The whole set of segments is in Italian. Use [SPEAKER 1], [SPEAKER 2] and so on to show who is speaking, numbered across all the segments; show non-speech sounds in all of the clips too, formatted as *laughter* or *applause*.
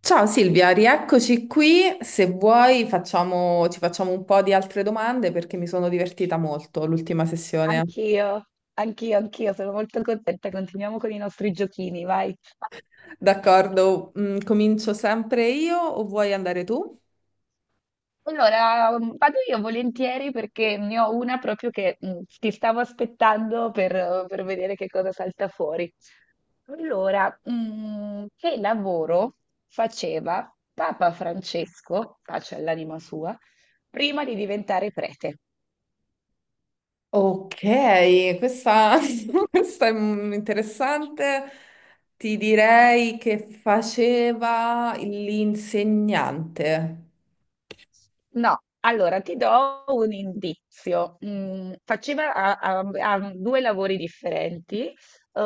[SPEAKER 1] Ciao Silvia, rieccoci qui. Se vuoi ci facciamo un po' di altre domande perché mi sono divertita molto l'ultima sessione.
[SPEAKER 2] Anch'io, anch'io, anch'io, sono molto contenta. Continuiamo con i nostri giochini, vai.
[SPEAKER 1] D'accordo, comincio sempre io o vuoi andare tu?
[SPEAKER 2] Allora, vado io volentieri perché ne ho una proprio che ti stavo aspettando per vedere che cosa salta fuori. Allora, che lavoro faceva Papa Francesco, pace all'anima sua, prima di diventare prete?
[SPEAKER 1] Ok, questa, *laughs*
[SPEAKER 2] *laughs*
[SPEAKER 1] questa è interessante. Ti direi che faceva l'insegnante.
[SPEAKER 2] No, allora ti do un indizio. Faceva a due lavori differenti. Eh,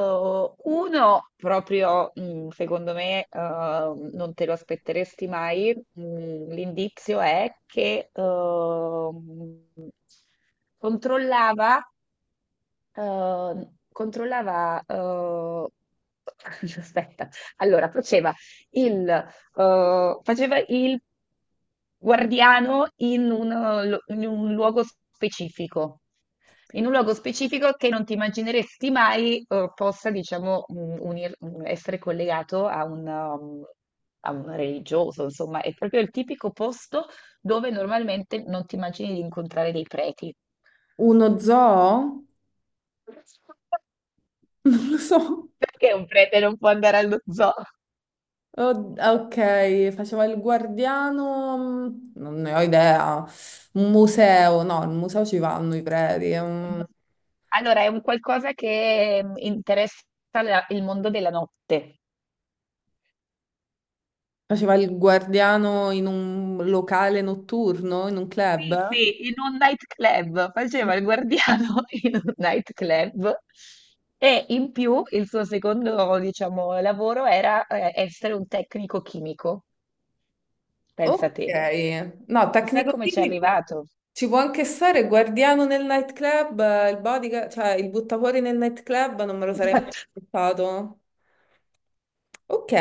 [SPEAKER 2] uno proprio, secondo me, non te lo aspetteresti mai. L'indizio è che controllava, controllava, *laughs* aspetta, allora faceva faceva il guardiano in un luogo specifico, in un luogo specifico che non ti immagineresti mai possa, diciamo, essere collegato a a un religioso, insomma, è proprio il tipico posto dove normalmente non ti immagini di incontrare dei preti.
[SPEAKER 1] Uno zoo? *laughs* Non lo so.
[SPEAKER 2] Perché un prete non può andare allo zoo?
[SPEAKER 1] Oh, ok, faceva il guardiano, non ne ho idea. Un museo, no, al museo ci vanno i preti.
[SPEAKER 2] Allora, è un qualcosa che interessa il mondo della notte.
[SPEAKER 1] Faceva il guardiano in un locale notturno, in un club.
[SPEAKER 2] Sì, sì, in un nightclub, faceva il guardiano *laughs* in un nightclub e in più il suo secondo, diciamo, lavoro era essere un tecnico chimico, pensa
[SPEAKER 1] Ok,
[SPEAKER 2] te.
[SPEAKER 1] no,
[SPEAKER 2] Chissà come ci è
[SPEAKER 1] tecnico-chimico.
[SPEAKER 2] arrivato.
[SPEAKER 1] Ci può anche stare il guardiano nel nightclub, il bodyguard, cioè il buttafuori nel nightclub, non me lo sarei mai
[SPEAKER 2] Esatto. *laughs*
[SPEAKER 1] aspettato. Ok,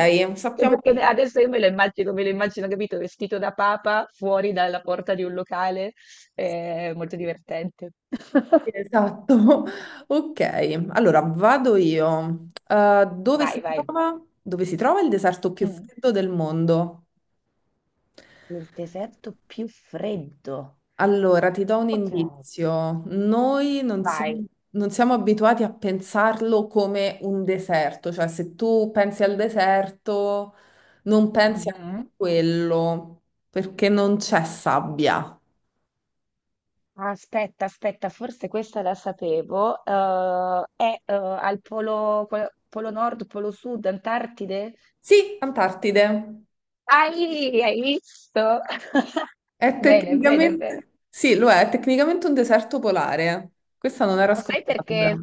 [SPEAKER 2] Anche
[SPEAKER 1] sappiamo.
[SPEAKER 2] perché adesso io me lo immagino, capito, vestito da papa fuori dalla porta di un locale, molto divertente. *laughs*
[SPEAKER 1] Esatto. *laughs* Ok, allora vado io.
[SPEAKER 2] Vai, vai.
[SPEAKER 1] Dove si trova il deserto più
[SPEAKER 2] Mm.
[SPEAKER 1] freddo del mondo?
[SPEAKER 2] Il deserto più freddo.
[SPEAKER 1] Allora, ti do un
[SPEAKER 2] Ok,
[SPEAKER 1] indizio. Noi non
[SPEAKER 2] vai.
[SPEAKER 1] siamo, non siamo abituati a pensarlo come un deserto, cioè se tu pensi al deserto, non pensi a
[SPEAKER 2] Mhm.
[SPEAKER 1] quello, perché non c'è sabbia.
[SPEAKER 2] Aspetta, aspetta, forse questa la sapevo. È al polo, polo nord, polo sud, Antartide?
[SPEAKER 1] Sì, Antartide.
[SPEAKER 2] Ah, lì, hai visto? *laughs*
[SPEAKER 1] È
[SPEAKER 2] Bene, bene, bene.
[SPEAKER 1] tecnicamente, sì, lo è tecnicamente un deserto polare. Eh. Questa non era
[SPEAKER 2] Ma sai
[SPEAKER 1] scontata.
[SPEAKER 2] perché?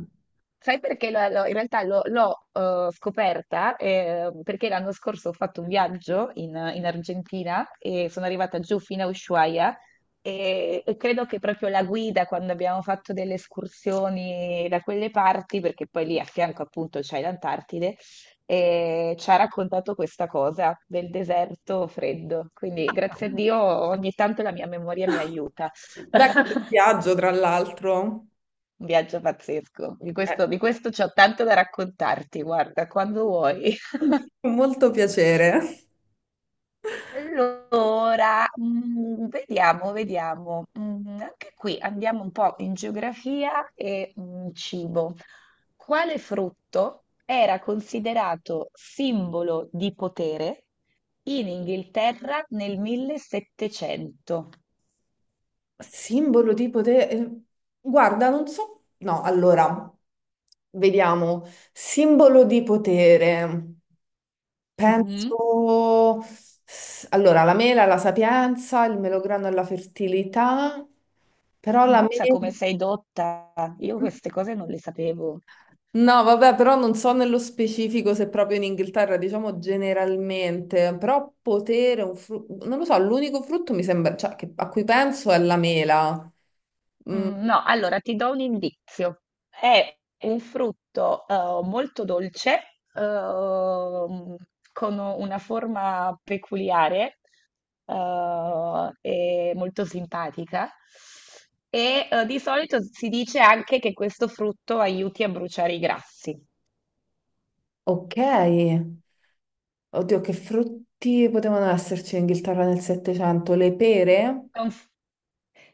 [SPEAKER 2] Sai perché in realtà l'ho scoperta? Eh, perché l'anno scorso ho fatto un viaggio in Argentina e sono arrivata giù fino a Ushuaia e credo che proprio la guida quando abbiamo fatto delle escursioni da quelle parti, perché poi lì a fianco appunto c'è l'Antartide, ci ha raccontato questa cosa del deserto freddo. Quindi grazie a Dio ogni tanto la mia memoria mi
[SPEAKER 1] *laughs*
[SPEAKER 2] aiuta.
[SPEAKER 1] Da che viaggio, tra l'altro.
[SPEAKER 2] Un viaggio pazzesco.
[SPEAKER 1] Eh,
[SPEAKER 2] Di questo c'ho tanto da raccontarti, guarda, quando vuoi. *laughs*
[SPEAKER 1] con molto piacere.
[SPEAKER 2] Allora, vediamo, vediamo. Anche qui andiamo un po' in geografia e cibo. Quale frutto era considerato simbolo di potere in Inghilterra nel 1700?
[SPEAKER 1] Simbolo di potere. Eh, guarda, non so. No, allora, vediamo. Simbolo di potere.
[SPEAKER 2] Mhm.
[SPEAKER 1] Penso. Allora, la mela, la sapienza, il melograno e la fertilità, però la
[SPEAKER 2] Ammazza come
[SPEAKER 1] mela.
[SPEAKER 2] sei dotta. Io queste cose non le sapevo.
[SPEAKER 1] No, vabbè, però non so nello specifico se proprio in Inghilterra, diciamo generalmente, però potere, non lo so, l'unico frutto mi sembra, cioè, a cui penso è la mela. Mm,
[SPEAKER 2] No, allora ti do un indizio. È un frutto molto dolce, ehm, con una forma peculiare e molto simpatica. E di solito si dice anche che questo frutto aiuti a bruciare i grassi.
[SPEAKER 1] ok, oddio, che frutti potevano esserci in Inghilterra nel Settecento? Le pere?
[SPEAKER 2] Conf-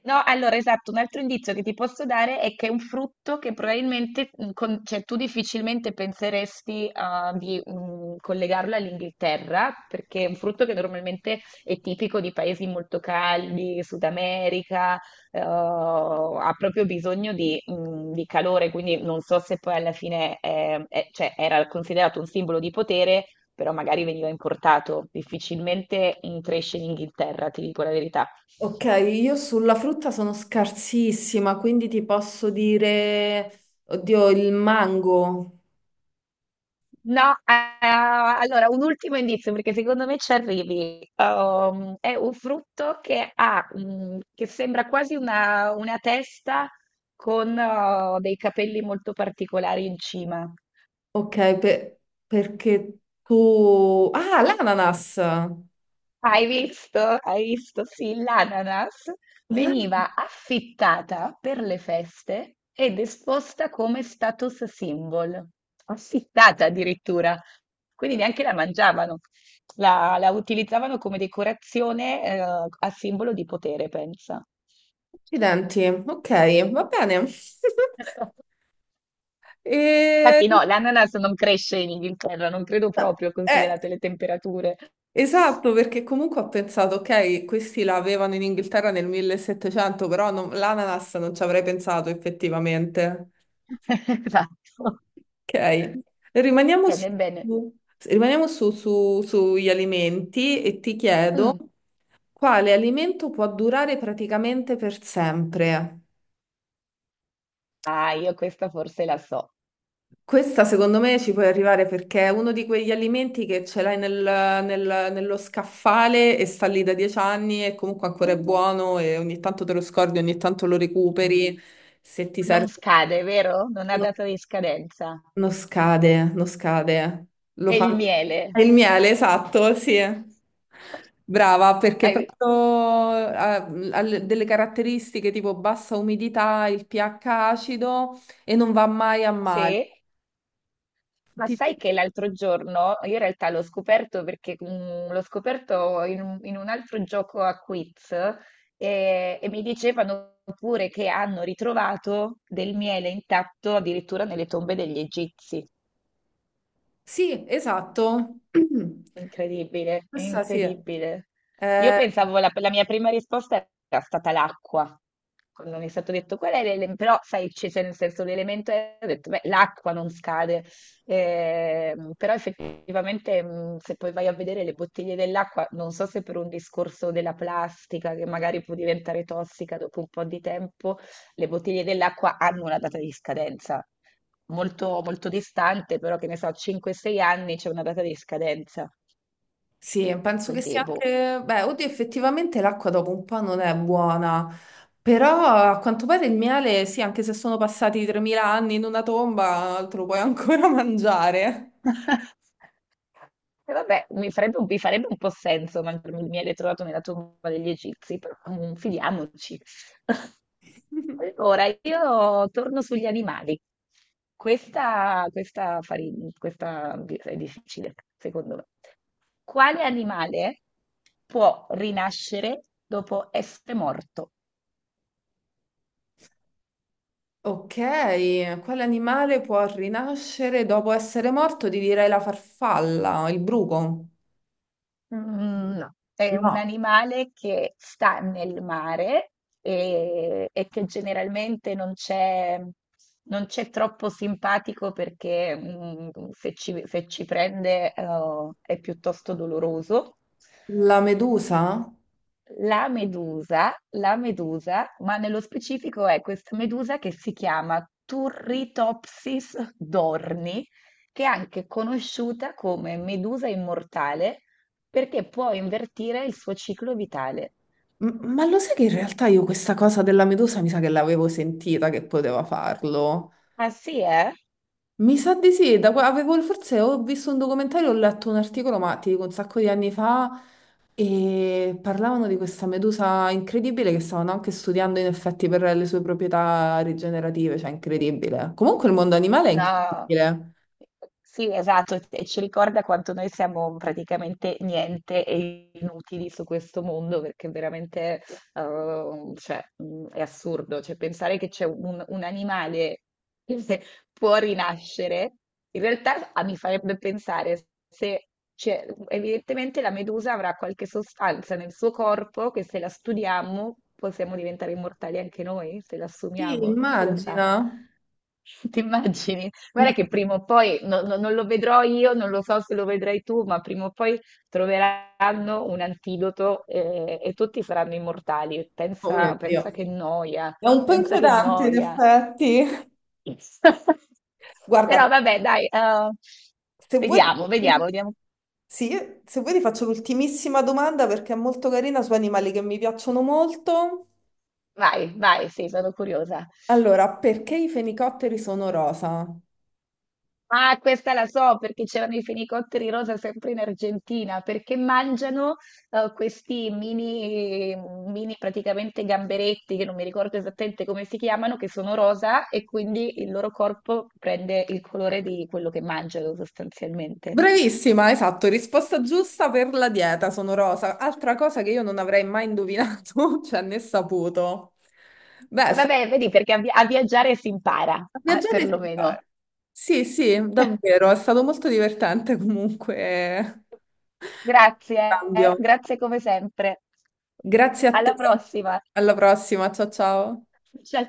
[SPEAKER 2] No, allora esatto, un altro indizio che ti posso dare è che è un frutto che probabilmente, cioè tu difficilmente penseresti ah, di collegarlo all'Inghilterra, perché è un frutto che normalmente è tipico di paesi molto caldi, Sud America, ha proprio bisogno di calore, quindi non so se poi alla fine cioè, era considerato un simbolo di potere, però magari veniva importato, difficilmente cresce in Inghilterra, ti dico la verità.
[SPEAKER 1] Ok, io sulla frutta sono scarsissima, quindi ti posso dire, oddio, il mango.
[SPEAKER 2] No, allora un ultimo indizio perché secondo me ci arrivi. È un frutto che che sembra quasi una testa con oh, dei capelli molto particolari in cima.
[SPEAKER 1] Ok, per- perché tu... Ah, l'ananas!
[SPEAKER 2] Hai visto? Hai visto? Sì, l'ananas
[SPEAKER 1] Ah,
[SPEAKER 2] veniva affittata per le feste ed esposta come status symbol, affittata addirittura. Quindi neanche la mangiavano, la utilizzavano come decorazione, a simbolo di potere, pensa.
[SPEAKER 1] accidenti, ok, va bene. *laughs*
[SPEAKER 2] *laughs*
[SPEAKER 1] E-
[SPEAKER 2] Infatti no, l'ananas non cresce in Inghilterra, non credo proprio,
[SPEAKER 1] eh,
[SPEAKER 2] considerate le temperature.
[SPEAKER 1] esatto, perché comunque ho pensato, ok, questi la avevano in Inghilterra nel 1700, però l'ananas non ci avrei pensato effettivamente.
[SPEAKER 2] *laughs* Esatto.
[SPEAKER 1] Ok, rimaniamo su,
[SPEAKER 2] Bene, bene.
[SPEAKER 1] rimaniamo sugli alimenti e ti chiedo
[SPEAKER 2] Mm.
[SPEAKER 1] quale alimento può durare praticamente per sempre?
[SPEAKER 2] Ah, io questa forse la so.
[SPEAKER 1] Questa secondo me ci puoi arrivare perché è uno di quegli alimenti che ce l'hai nello scaffale e sta lì da 10 anni e comunque ancora è buono e ogni tanto te lo scordi, ogni tanto lo recuperi. Se ti
[SPEAKER 2] Non
[SPEAKER 1] serve,
[SPEAKER 2] scade, vero? Non ha
[SPEAKER 1] no-
[SPEAKER 2] data di scadenza.
[SPEAKER 1] non scade, non scade. Lo
[SPEAKER 2] È
[SPEAKER 1] fa
[SPEAKER 2] il miele.
[SPEAKER 1] il miele, esatto, sì. Brava, perché
[SPEAKER 2] Hai-
[SPEAKER 1] proprio ha, ha delle caratteristiche tipo bassa umidità, il pH acido e non va mai a male.
[SPEAKER 2] Sì, ma sai che l'altro giorno, io in realtà l'ho scoperto perché l'ho scoperto in un altro gioco a quiz e mi dicevano pure che hanno ritrovato del miele intatto addirittura nelle tombe degli egizi.
[SPEAKER 1] Sì, esatto. *clears throat*
[SPEAKER 2] Incredibile,
[SPEAKER 1] Questa sì.
[SPEAKER 2] incredibile. Io
[SPEAKER 1] Eh,
[SPEAKER 2] pensavo, la mia prima risposta era stata l'acqua, quando mi è stato detto qual è l'elemento, però sai, c'è nel senso l'elemento, ho detto, beh, l'acqua non scade. Però effettivamente se poi vai a vedere le bottiglie dell'acqua, non so se per un discorso della plastica che magari può diventare tossica dopo un po' di tempo, le bottiglie dell'acqua hanno una data di scadenza molto, molto distante, però che ne so, 5-6 anni c'è una data di scadenza.
[SPEAKER 1] sì, penso che
[SPEAKER 2] Quindi,
[SPEAKER 1] sia
[SPEAKER 2] boh.
[SPEAKER 1] anche... Beh, oddio, effettivamente l'acqua dopo un po' non è buona, però a quanto pare il miele, sì, anche se sono passati 3000 anni in una tomba, te lo puoi ancora *laughs* mangiare.
[SPEAKER 2] *laughs* E vabbè, mi farebbe un po' senso mancarmi il miele trovato nella tomba degli Egizi, però fidiamoci. *laughs* Allora, io torno sugli animali. Questa, questa, fari- questa è difficile, secondo me. Quale animale può rinascere dopo essere morto?
[SPEAKER 1] Ok, quale animale può rinascere dopo essere morto? Ti direi la farfalla, il bruco.
[SPEAKER 2] Mhmm, no, è un
[SPEAKER 1] No,
[SPEAKER 2] animale che sta nel mare e che generalmente non c'è troppo simpatico perché, mhmm, se ci prende, è piuttosto doloroso.
[SPEAKER 1] la medusa?
[SPEAKER 2] La medusa, ma nello specifico è questa medusa che si chiama Turritopsis dorni, che è anche conosciuta come medusa immortale perché può invertire il suo ciclo vitale.
[SPEAKER 1] Ma lo sai che in realtà io questa cosa della medusa mi sa che l'avevo sentita che poteva farlo?
[SPEAKER 2] Ah sì, eh?
[SPEAKER 1] Mi sa di sì, avevo, forse ho visto un documentario, ho letto un articolo, ma ti dico un sacco di anni fa, e parlavano di questa medusa incredibile che stavano anche studiando in effetti per le sue proprietà rigenerative, cioè incredibile. Comunque il mondo animale è
[SPEAKER 2] No,
[SPEAKER 1] incredibile.
[SPEAKER 2] sì, esatto, e ci ricorda quanto noi siamo praticamente niente e inutili su questo mondo, perché veramente, cioè, è assurdo, cioè, pensare che c'è un animale che se- può rinascere, in realtà ah, mi farebbe pensare se, evidentemente la medusa avrà qualche sostanza nel suo corpo che se la studiamo possiamo diventare immortali anche noi, se la
[SPEAKER 1] Sì,
[SPEAKER 2] assumiamo, chi lo sa.
[SPEAKER 1] immagina.
[SPEAKER 2] *laughs* Ti immagini? Guarda
[SPEAKER 1] Inc-
[SPEAKER 2] che prima o poi, non lo vedrò io, non lo so se lo vedrai tu, ma prima o poi troveranno un antidoto e, tutti saranno immortali.
[SPEAKER 1] Oh mio
[SPEAKER 2] Pensa, pensa
[SPEAKER 1] Dio,
[SPEAKER 2] che noia,
[SPEAKER 1] è un po'
[SPEAKER 2] pensa che
[SPEAKER 1] inquietante in
[SPEAKER 2] noia.
[SPEAKER 1] effetti.
[SPEAKER 2] *laughs*
[SPEAKER 1] *laughs* Guarda,
[SPEAKER 2] Però vabbè, dai,
[SPEAKER 1] se vuoi...
[SPEAKER 2] vediamo, vediamo, vediamo.
[SPEAKER 1] Sì, se vuoi ti faccio l'ultimissima domanda perché è molto carina su animali che mi piacciono molto.
[SPEAKER 2] Vai, vai, sì, sono curiosa.
[SPEAKER 1] Allora, perché i fenicotteri sono rosa?
[SPEAKER 2] Ah, questa la so perché c'erano i fenicotteri rosa sempre in Argentina, perché mangiano questi mini, mini praticamente gamberetti, che non mi ricordo esattamente come si chiamano, che sono rosa e quindi il loro corpo prende il colore di quello che mangiano sostanzialmente.
[SPEAKER 1] Bravissima, esatto, risposta giusta per la dieta, sono rosa. Altra cosa che io non avrei mai indovinato, *laughs* cioè né saputo. Beh, è stata
[SPEAKER 2] Vabbè, vedi, perché a viaggiare si impara,
[SPEAKER 1] una
[SPEAKER 2] ah,
[SPEAKER 1] viaggiata
[SPEAKER 2] perlomeno.
[SPEAKER 1] esemplare. Sì, sì,
[SPEAKER 2] *laughs*
[SPEAKER 1] davvero, è stato molto divertente comunque. *laughs*
[SPEAKER 2] Grazie,
[SPEAKER 1] Cambio.
[SPEAKER 2] grazie come sempre.
[SPEAKER 1] Grazie a te,
[SPEAKER 2] Alla prossima.
[SPEAKER 1] alla prossima, ciao ciao.
[SPEAKER 2] Ciao.